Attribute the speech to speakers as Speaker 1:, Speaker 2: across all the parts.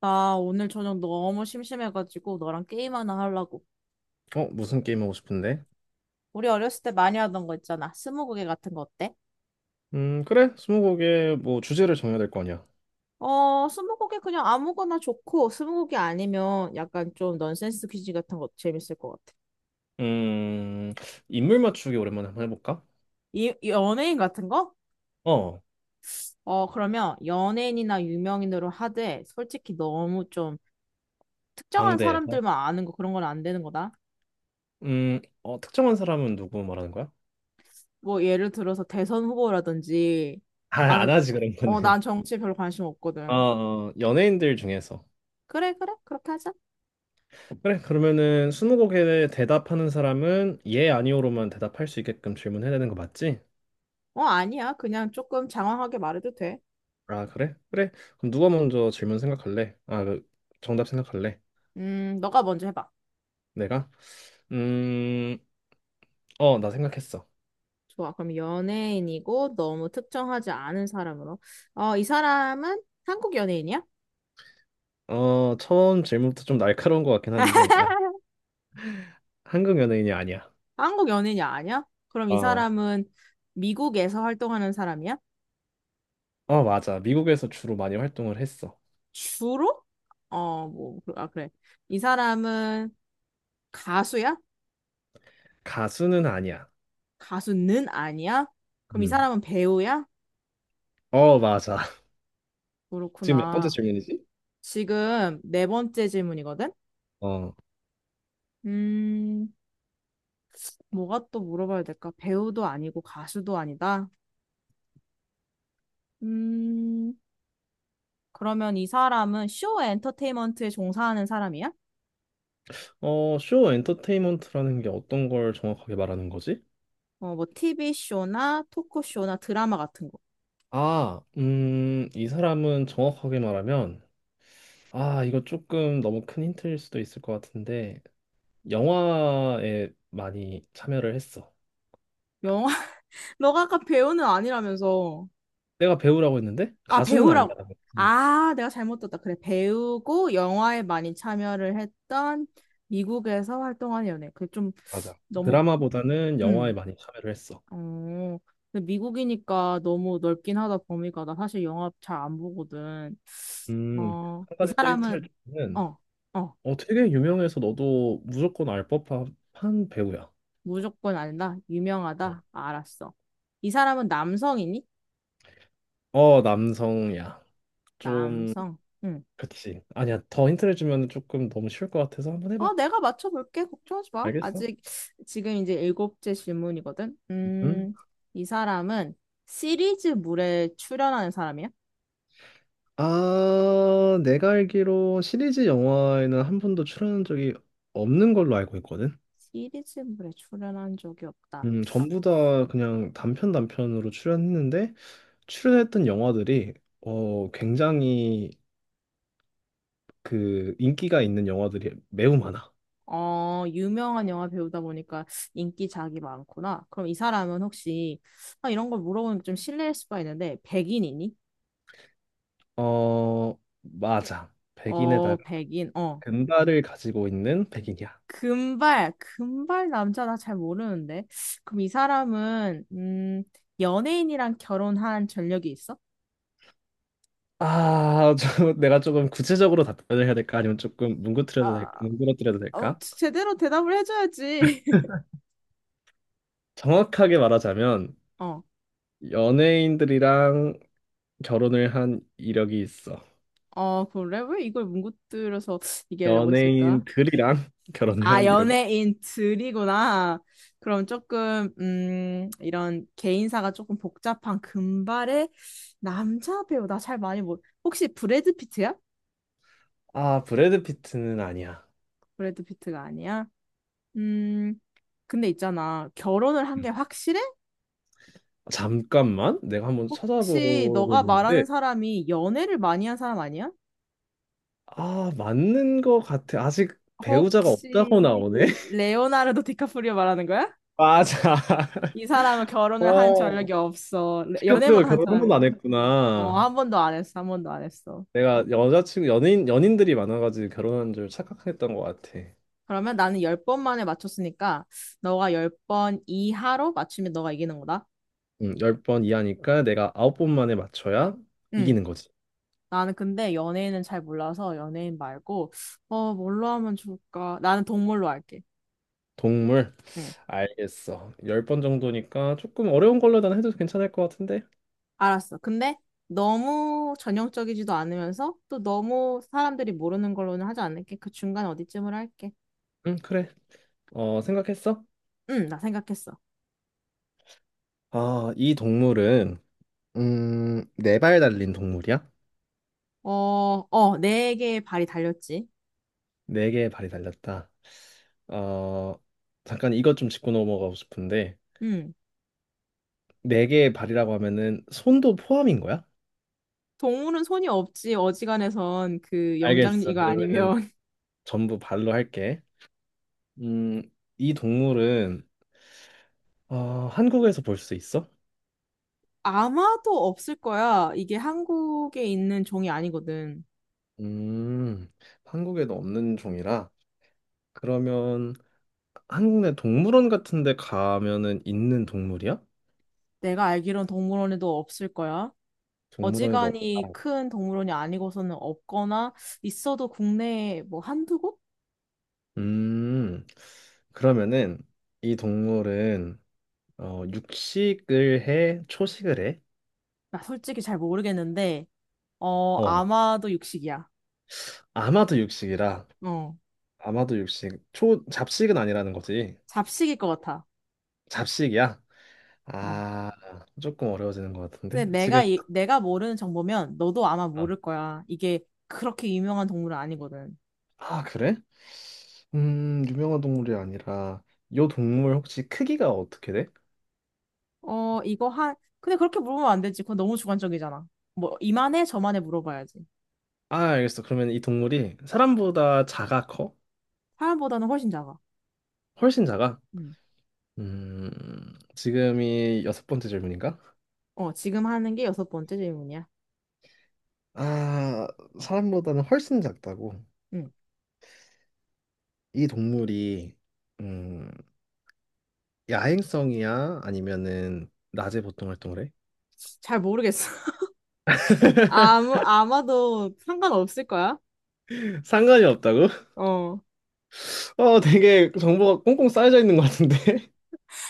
Speaker 1: 나 오늘 저녁 너무 심심해가지고 너랑 게임 하나 하려고.
Speaker 2: 어, 무슨 게임 하고 싶은데?
Speaker 1: 우리 어렸을 때 많이 하던 거 있잖아. 스무고개 같은 거 어때?
Speaker 2: 그래. 스무고개 뭐 주제를 정해야 될 거 아니야.
Speaker 1: 스무고개 그냥 아무거나 좋고, 스무고개 아니면 약간 좀 넌센스 퀴즈 같은 거 재밌을 것 같아.
Speaker 2: 음, 인물 맞추기 오랜만에 한번 해볼까?
Speaker 1: 이 연예인 같은 거?
Speaker 2: 어,
Speaker 1: 어, 그러면 연예인이나 유명인으로 하되, 솔직히 너무 좀 특정한
Speaker 2: 방대에서.
Speaker 1: 사람들만 아는 거 그런 건 안 되는 거다.
Speaker 2: 특정한 사람은 누구 말하는 거야?
Speaker 1: 뭐 예를 들어서 대선 후보라든지,
Speaker 2: 아, 안
Speaker 1: 나는,
Speaker 2: 하지 그런 거는.
Speaker 1: 난 정치에 별로 관심
Speaker 2: 어,
Speaker 1: 없거든.
Speaker 2: 어, 연예인들 중에서.
Speaker 1: 그래, 그래, 그렇게 하자.
Speaker 2: 그래. 그러면은 스무고개에 대답하는 사람은 예, 아니오로만 대답할 수 있게끔 질문해야 되는 거 맞지?
Speaker 1: 어, 아니야. 그냥 조금 장황하게 말해도 돼.
Speaker 2: 아, 그래? 그래. 그럼 누가 먼저 질문 생각할래? 정답 생각할래?
Speaker 1: 너가 먼저 해봐.
Speaker 2: 내가? 음, 나 생각했어.
Speaker 1: 좋아. 그럼 연예인이고 너무 특정하지 않은 사람으로. 어, 이 사람은 한국 연예인이야?
Speaker 2: 어, 처음 질문부터 좀 날카로운 것 같긴 한데, 아, 한국 연예인이 아니야.
Speaker 1: 한국 연예인이 아니야? 그럼 이
Speaker 2: 어,
Speaker 1: 사람은 미국에서 활동하는 사람이야?
Speaker 2: 맞아. 미국에서 주로 많이 활동을 했어.
Speaker 1: 주로? 어, 뭐, 그- 아, 그래. 이 사람은 가수야?
Speaker 2: 가수는 아니야.
Speaker 1: 가수는 아니야? 그럼 이
Speaker 2: 음.
Speaker 1: 사람은 배우야?
Speaker 2: 어, 맞아. 지금 몇 번째
Speaker 1: 그렇구나.
Speaker 2: 질문이지?
Speaker 1: 지금 네 번째 질문이거든?
Speaker 2: 어,
Speaker 1: 음, 뭐가 또 물어봐야 될까? 배우도 아니고 가수도 아니다. 음, 그러면 이 사람은 쇼 엔터테인먼트에 종사하는 사람이야?
Speaker 2: 쇼 엔터테인먼트라는 게 어떤 걸 정확하게 말하는 거지?
Speaker 1: 어, 뭐 TV쇼나 토크쇼나 드라마 같은 거.
Speaker 2: 이 사람은 정확하게 말하면, 아, 이거 조금 너무 큰 힌트일 수도 있을 것 같은데, 영화에 많이 참여를 했어.
Speaker 1: 영화, 너가 아까 배우는 아니라면서.
Speaker 2: 내가 배우라고 했는데,
Speaker 1: 아,
Speaker 2: 가수는 아니야.
Speaker 1: 배우라고. 아, 내가 잘못 들었다. 그래, 배우고 영화에 많이 참여를 했던 미국에서 활동하는 연예. 그게 좀
Speaker 2: 맞아.
Speaker 1: 너무,
Speaker 2: 드라마보다는 영화에
Speaker 1: 음...
Speaker 2: 많이 참여를 했어.
Speaker 1: 어, 근데 미국이니까 너무 넓긴 하다, 범위가. 나 사실 영화 잘 안 보거든.
Speaker 2: 음,
Speaker 1: 어,
Speaker 2: 한
Speaker 1: 이
Speaker 2: 가지 또
Speaker 1: 사람은,
Speaker 2: 힌트를 주면,
Speaker 1: 어, 어,
Speaker 2: 어, 되게 유명해서 너도 무조건 알 법한 배우야.
Speaker 1: 무조건 안다.
Speaker 2: 응.
Speaker 1: 유명하다. 알았어. 이 사람은 남성이니?
Speaker 2: 어, 남성이야. 좀,
Speaker 1: 남성. 응.
Speaker 2: 그치. 아니야, 더 힌트를 주면 조금 너무 쉬울 것 같아서 한번 해봐.
Speaker 1: 어, 내가 맞춰볼게. 걱정하지 마.
Speaker 2: 알겠어?
Speaker 1: 아직, 지금 이제 일곱째 질문이거든.
Speaker 2: 응?
Speaker 1: 이 사람은 시리즈물에 출연하는 사람이야?
Speaker 2: 아, 내가 알기로 시리즈 영화에는 한 번도 출연한 적이 없는 걸로 알고 있거든.
Speaker 1: 시리즈물에 출연한 적이 없다.
Speaker 2: 전부 다 그냥 단편 단편으로 출연했는데, 출연했던 영화들이 어 굉장히 그 인기가 있는 영화들이 매우 많아.
Speaker 1: 어, 유명한 영화 배우다 보니까 인기작이 많구나. 그럼 이 사람은 혹시, 아, 이런 걸 물어보면 좀 실례일 수가 있는데, 백인이니?
Speaker 2: 어 맞아.
Speaker 1: 어,
Speaker 2: 백인에다가
Speaker 1: 백인, 어.
Speaker 2: 금발을 가지고 있는 백인이야.
Speaker 1: 금발, 금발 남자 나 잘 모르는데. 그럼 이 사람은, 연예인이랑 결혼한 전력이 있어?
Speaker 2: 아, 저, 내가 조금 구체적으로 답변을 해야 될까? 아니면 조금
Speaker 1: 아,
Speaker 2: 뭉그러뜨려도
Speaker 1: 어,
Speaker 2: 될까?
Speaker 1: 제대로 대답을 해줘야지.
Speaker 2: 정확하게 말하자면
Speaker 1: 어,
Speaker 2: 연예인들이랑 결혼을 한 이력이 있어.
Speaker 1: 어, 그래? 왜 이걸 뭉구들려서 얘기하려고 했을까?
Speaker 2: 연예인들이랑 결혼을
Speaker 1: 아,
Speaker 2: 한 이력.
Speaker 1: 연예인 들이구나. 그럼 조금, 이런 개인사가 조금 복잡한 금발의 남자 배우, 나 잘 많이 모 혹시 브래드 피트야?
Speaker 2: 아, 브래드 피트는 아니야.
Speaker 1: 브래드 피트가 아니야? 음, 근데 있잖아. 결혼을 한 게 확실해?
Speaker 2: 잠깐만, 내가 한번
Speaker 1: 혹시
Speaker 2: 찾아보고
Speaker 1: 너가 말하는
Speaker 2: 있는데,
Speaker 1: 사람이 연애를 많이 한 사람 아니야?
Speaker 2: 아, 맞는 것 같아. 아직 배우자가 없다고
Speaker 1: 혹시
Speaker 2: 나오네.
Speaker 1: 레오나르도 디카프리오 말하는 거야?
Speaker 2: 맞아.
Speaker 1: 이 사람은
Speaker 2: 어.
Speaker 1: 결혼을 한
Speaker 2: 어,
Speaker 1: 전력이 없어.
Speaker 2: 디카프리오가
Speaker 1: 연애만 한
Speaker 2: 결혼 한 번도
Speaker 1: 사람이야.
Speaker 2: 안
Speaker 1: 어,
Speaker 2: 했구나.
Speaker 1: 한 번도 안 했어. 한 번도 안 했어.
Speaker 2: 내가 여자친구, 연인들이 많아가지고 결혼한 줄 착각했던 것 같아.
Speaker 1: 그러면 나는 열 번 만에 맞췄으니까 너가 열 번 이하로 맞추면 너가 이기는 거다.
Speaker 2: 10번 이하니까 내가 9번 만에 맞춰야
Speaker 1: 응.
Speaker 2: 이기는 거지.
Speaker 1: 나는 근데 연예인은 잘 몰라서 연예인 말고 어 뭘로 하면 좋을까? 나는 동물로 할게.
Speaker 2: 동물,
Speaker 1: 응.
Speaker 2: 알겠어. 10번 정도니까 조금 어려운 걸로 난 해도 괜찮을 것 같은데?
Speaker 1: 알았어. 근데 너무 전형적이지도 않으면서 또 너무 사람들이 모르는 걸로는 하지 않을게. 그 중간 어디쯤으로 할게.
Speaker 2: 응, 그래. 어, 생각했어?
Speaker 1: 응, 나 생각했어.
Speaker 2: 아, 이 동물은 네 발 달린 동물이야?
Speaker 1: 네 개의 발이 달렸지.
Speaker 2: 네 개의 발이 달렸다. 어, 잠깐 이것 좀 짚고 넘어가고 싶은데,
Speaker 1: 응.
Speaker 2: 네 개의 발이라고 하면은 손도 포함인 거야?
Speaker 1: 동물은 손이 없지. 어지간해선 그 영장
Speaker 2: 알겠어.
Speaker 1: 이거
Speaker 2: 그러면은
Speaker 1: 아니면
Speaker 2: 전부 발로 할게. 음, 이 동물은 어, 한국에서 볼 수 있어?
Speaker 1: 아마도 없을 거야. 이게 한국에 있는 종이 아니거든.
Speaker 2: 음, 한국에도 없는 종이라. 그러면 한국 내 동물원 같은 데 가면은 있는 동물이야?
Speaker 1: 내가 알기론 동물원에도 없을 거야.
Speaker 2: 동물원에도
Speaker 1: 어지간히
Speaker 2: 없다.
Speaker 1: 큰 동물원이 아니고서는 없거나 있어도 국내에 뭐 한두 곳?
Speaker 2: 음, 그러면은 이 동물은 어, 육식을 해? 초식을 해?
Speaker 1: 나 솔직히 잘 모르겠는데,
Speaker 2: 어,
Speaker 1: 아마도 육식이야.
Speaker 2: 아마도 육식이라.
Speaker 1: 어,
Speaker 2: 아마도 육식. 초, 잡식은 아니라는 거지.
Speaker 1: 잡식일 것 같아.
Speaker 2: 잡식이야?
Speaker 1: 어.
Speaker 2: 아, 조금 어려워지는 것
Speaker 1: 근데
Speaker 2: 같은데. 지금,
Speaker 1: 내가 모르는 정보면 너도 아마
Speaker 2: 아,
Speaker 1: 모를 거야. 이게 그렇게 유명한 동물은 아니거든.
Speaker 2: 아, 그래? 유명한 동물이 아니라, 요 동물 혹시 크기가 어떻게 돼?
Speaker 1: 어, 이거 한, 근데 그렇게 물으면 안 되지. 그건 너무 주관적이잖아. 뭐, 이만해, 저만해 물어봐야지.
Speaker 2: 아, 알겠어. 그러면 이 동물이 사람보다 작아, 커?
Speaker 1: 사람보다는 훨씬 작아.
Speaker 2: 훨씬 작아?
Speaker 1: 음.
Speaker 2: 지금이 여섯 번째 질문인가?
Speaker 1: 어, 지금 하는 게 여섯 번째 질문이야.
Speaker 2: 아, 사람보다는 훨씬 작다고.
Speaker 1: 음.
Speaker 2: 이 동물이 음, 야행성이야? 아니면은 낮에 보통 활동을 해?
Speaker 1: 잘 모르겠어. 아마도 상관없을 거야.
Speaker 2: 상관이 없다고?
Speaker 1: 어.
Speaker 2: 어, 되게 정보가 꽁꽁 쌓여져 있는 것 같은데.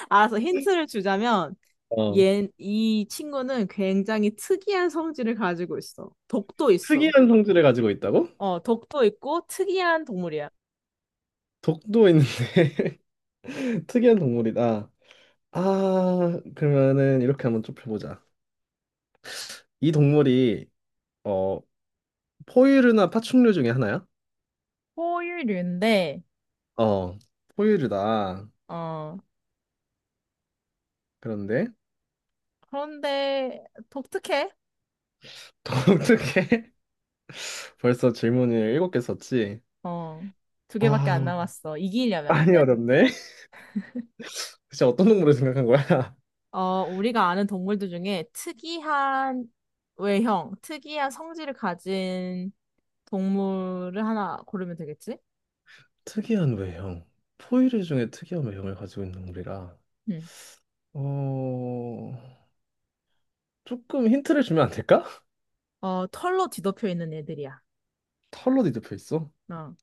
Speaker 1: 알아서 힌트를 주자면,
Speaker 2: 어.
Speaker 1: 이 친구는 굉장히 특이한 성질을 가지고 있어. 독도 있어.
Speaker 2: 특이한 성질을 가지고 있다고?
Speaker 1: 어, 독도 있고 특이한 동물이야.
Speaker 2: 독도 있는데 특이한 동물이다. 아, 그러면은 이렇게 한번 좁혀보자. 이 동물이 어, 포유류나 파충류 중에 하나야?
Speaker 1: 포유류인데,
Speaker 2: 어, 포유류다.
Speaker 1: 어,
Speaker 2: 그런데
Speaker 1: 그런데 독특해.
Speaker 2: 독특해. 벌써 질문을 일곱 개 썼지?
Speaker 1: 어, 두 개밖에 안
Speaker 2: 아,
Speaker 1: 남았어. 이기려면.
Speaker 2: 많이
Speaker 1: 근데
Speaker 2: 어렵네. 진짜 어떤 동물을 생각한 거야?
Speaker 1: 어, 우리가 아는 동물들 중에 특이한 외형, 특이한 성질을 가진 동물을 하나 고르면 되겠지?
Speaker 2: 특이한 외형. 포유류 중에 특이한 외형을 가지고 있는 동물이라.
Speaker 1: 응.
Speaker 2: 어, 조금 힌트를 주면 안 될까?
Speaker 1: 어, 털로 뒤덮여 있는 애들이야.
Speaker 2: 털로 뒤덮여 있어?
Speaker 1: 어.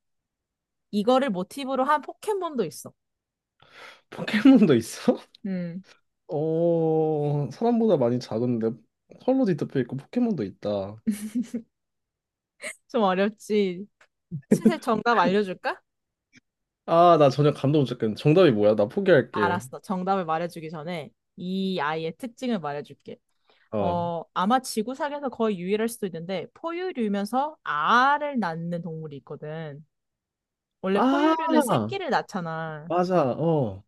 Speaker 1: 이거를 모티브로 한 포켓몬도 있어.
Speaker 2: 포켓몬도 있어?
Speaker 1: 음,
Speaker 2: 어, 사람보다 많이 작은데 털로 뒤덮여 있고 포켓몬도 있다.
Speaker 1: 좀 어렵지. 슬슬 정답 알려줄까?
Speaker 2: 아, 나 전혀 감도 못 잡겠네. 정답이 뭐야? 나 포기할게.
Speaker 1: 알았어. 정답을 말해주기 전에 이 아이의 특징을 말해줄게.
Speaker 2: 어.
Speaker 1: 어, 아마 지구상에서 거의 유일할 수도 있는데 포유류면서 알을 낳는 동물이 있거든. 원래 포유류는
Speaker 2: 아,
Speaker 1: 새끼를 낳잖아.
Speaker 2: 맞아. 어.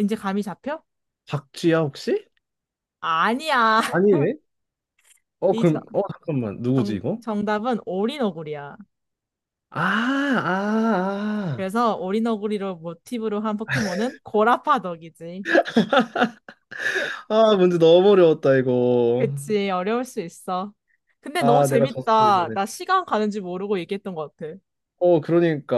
Speaker 1: 이제 감이 잡혀?
Speaker 2: 박쥐야, 혹시?
Speaker 1: 아니야.
Speaker 2: 아니네. 어,
Speaker 1: 이 정,
Speaker 2: 그럼, 어, 잠깐만. 누구지, 이거?
Speaker 1: 정답은 오리너구리야.
Speaker 2: 아, 아, 아,
Speaker 1: 그래서 오리너구리로 모티브로 한 포켓몬은 고라파덕이지.
Speaker 2: 아, 문제 너무 어려웠다, 이거.
Speaker 1: 그치, 어려울 수 있어. 근데 너무
Speaker 2: 아, 내가 졌어,
Speaker 1: 재밌다.
Speaker 2: 이번에.
Speaker 1: 나 시간 가는지 모르고 얘기했던 것 같아.
Speaker 2: 어, 그러니까.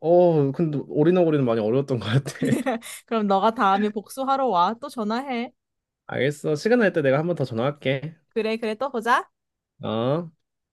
Speaker 2: 어, 근데 오리너구리는 많이 어려웠던 것 같아.
Speaker 1: 그럼 너가 다음에 복수하러 와. 또 전화해.
Speaker 2: 알겠어. 시간 날 때 내가 한 번 더 전화할게.
Speaker 1: 그래, 그래, 또 보자.
Speaker 2: 어?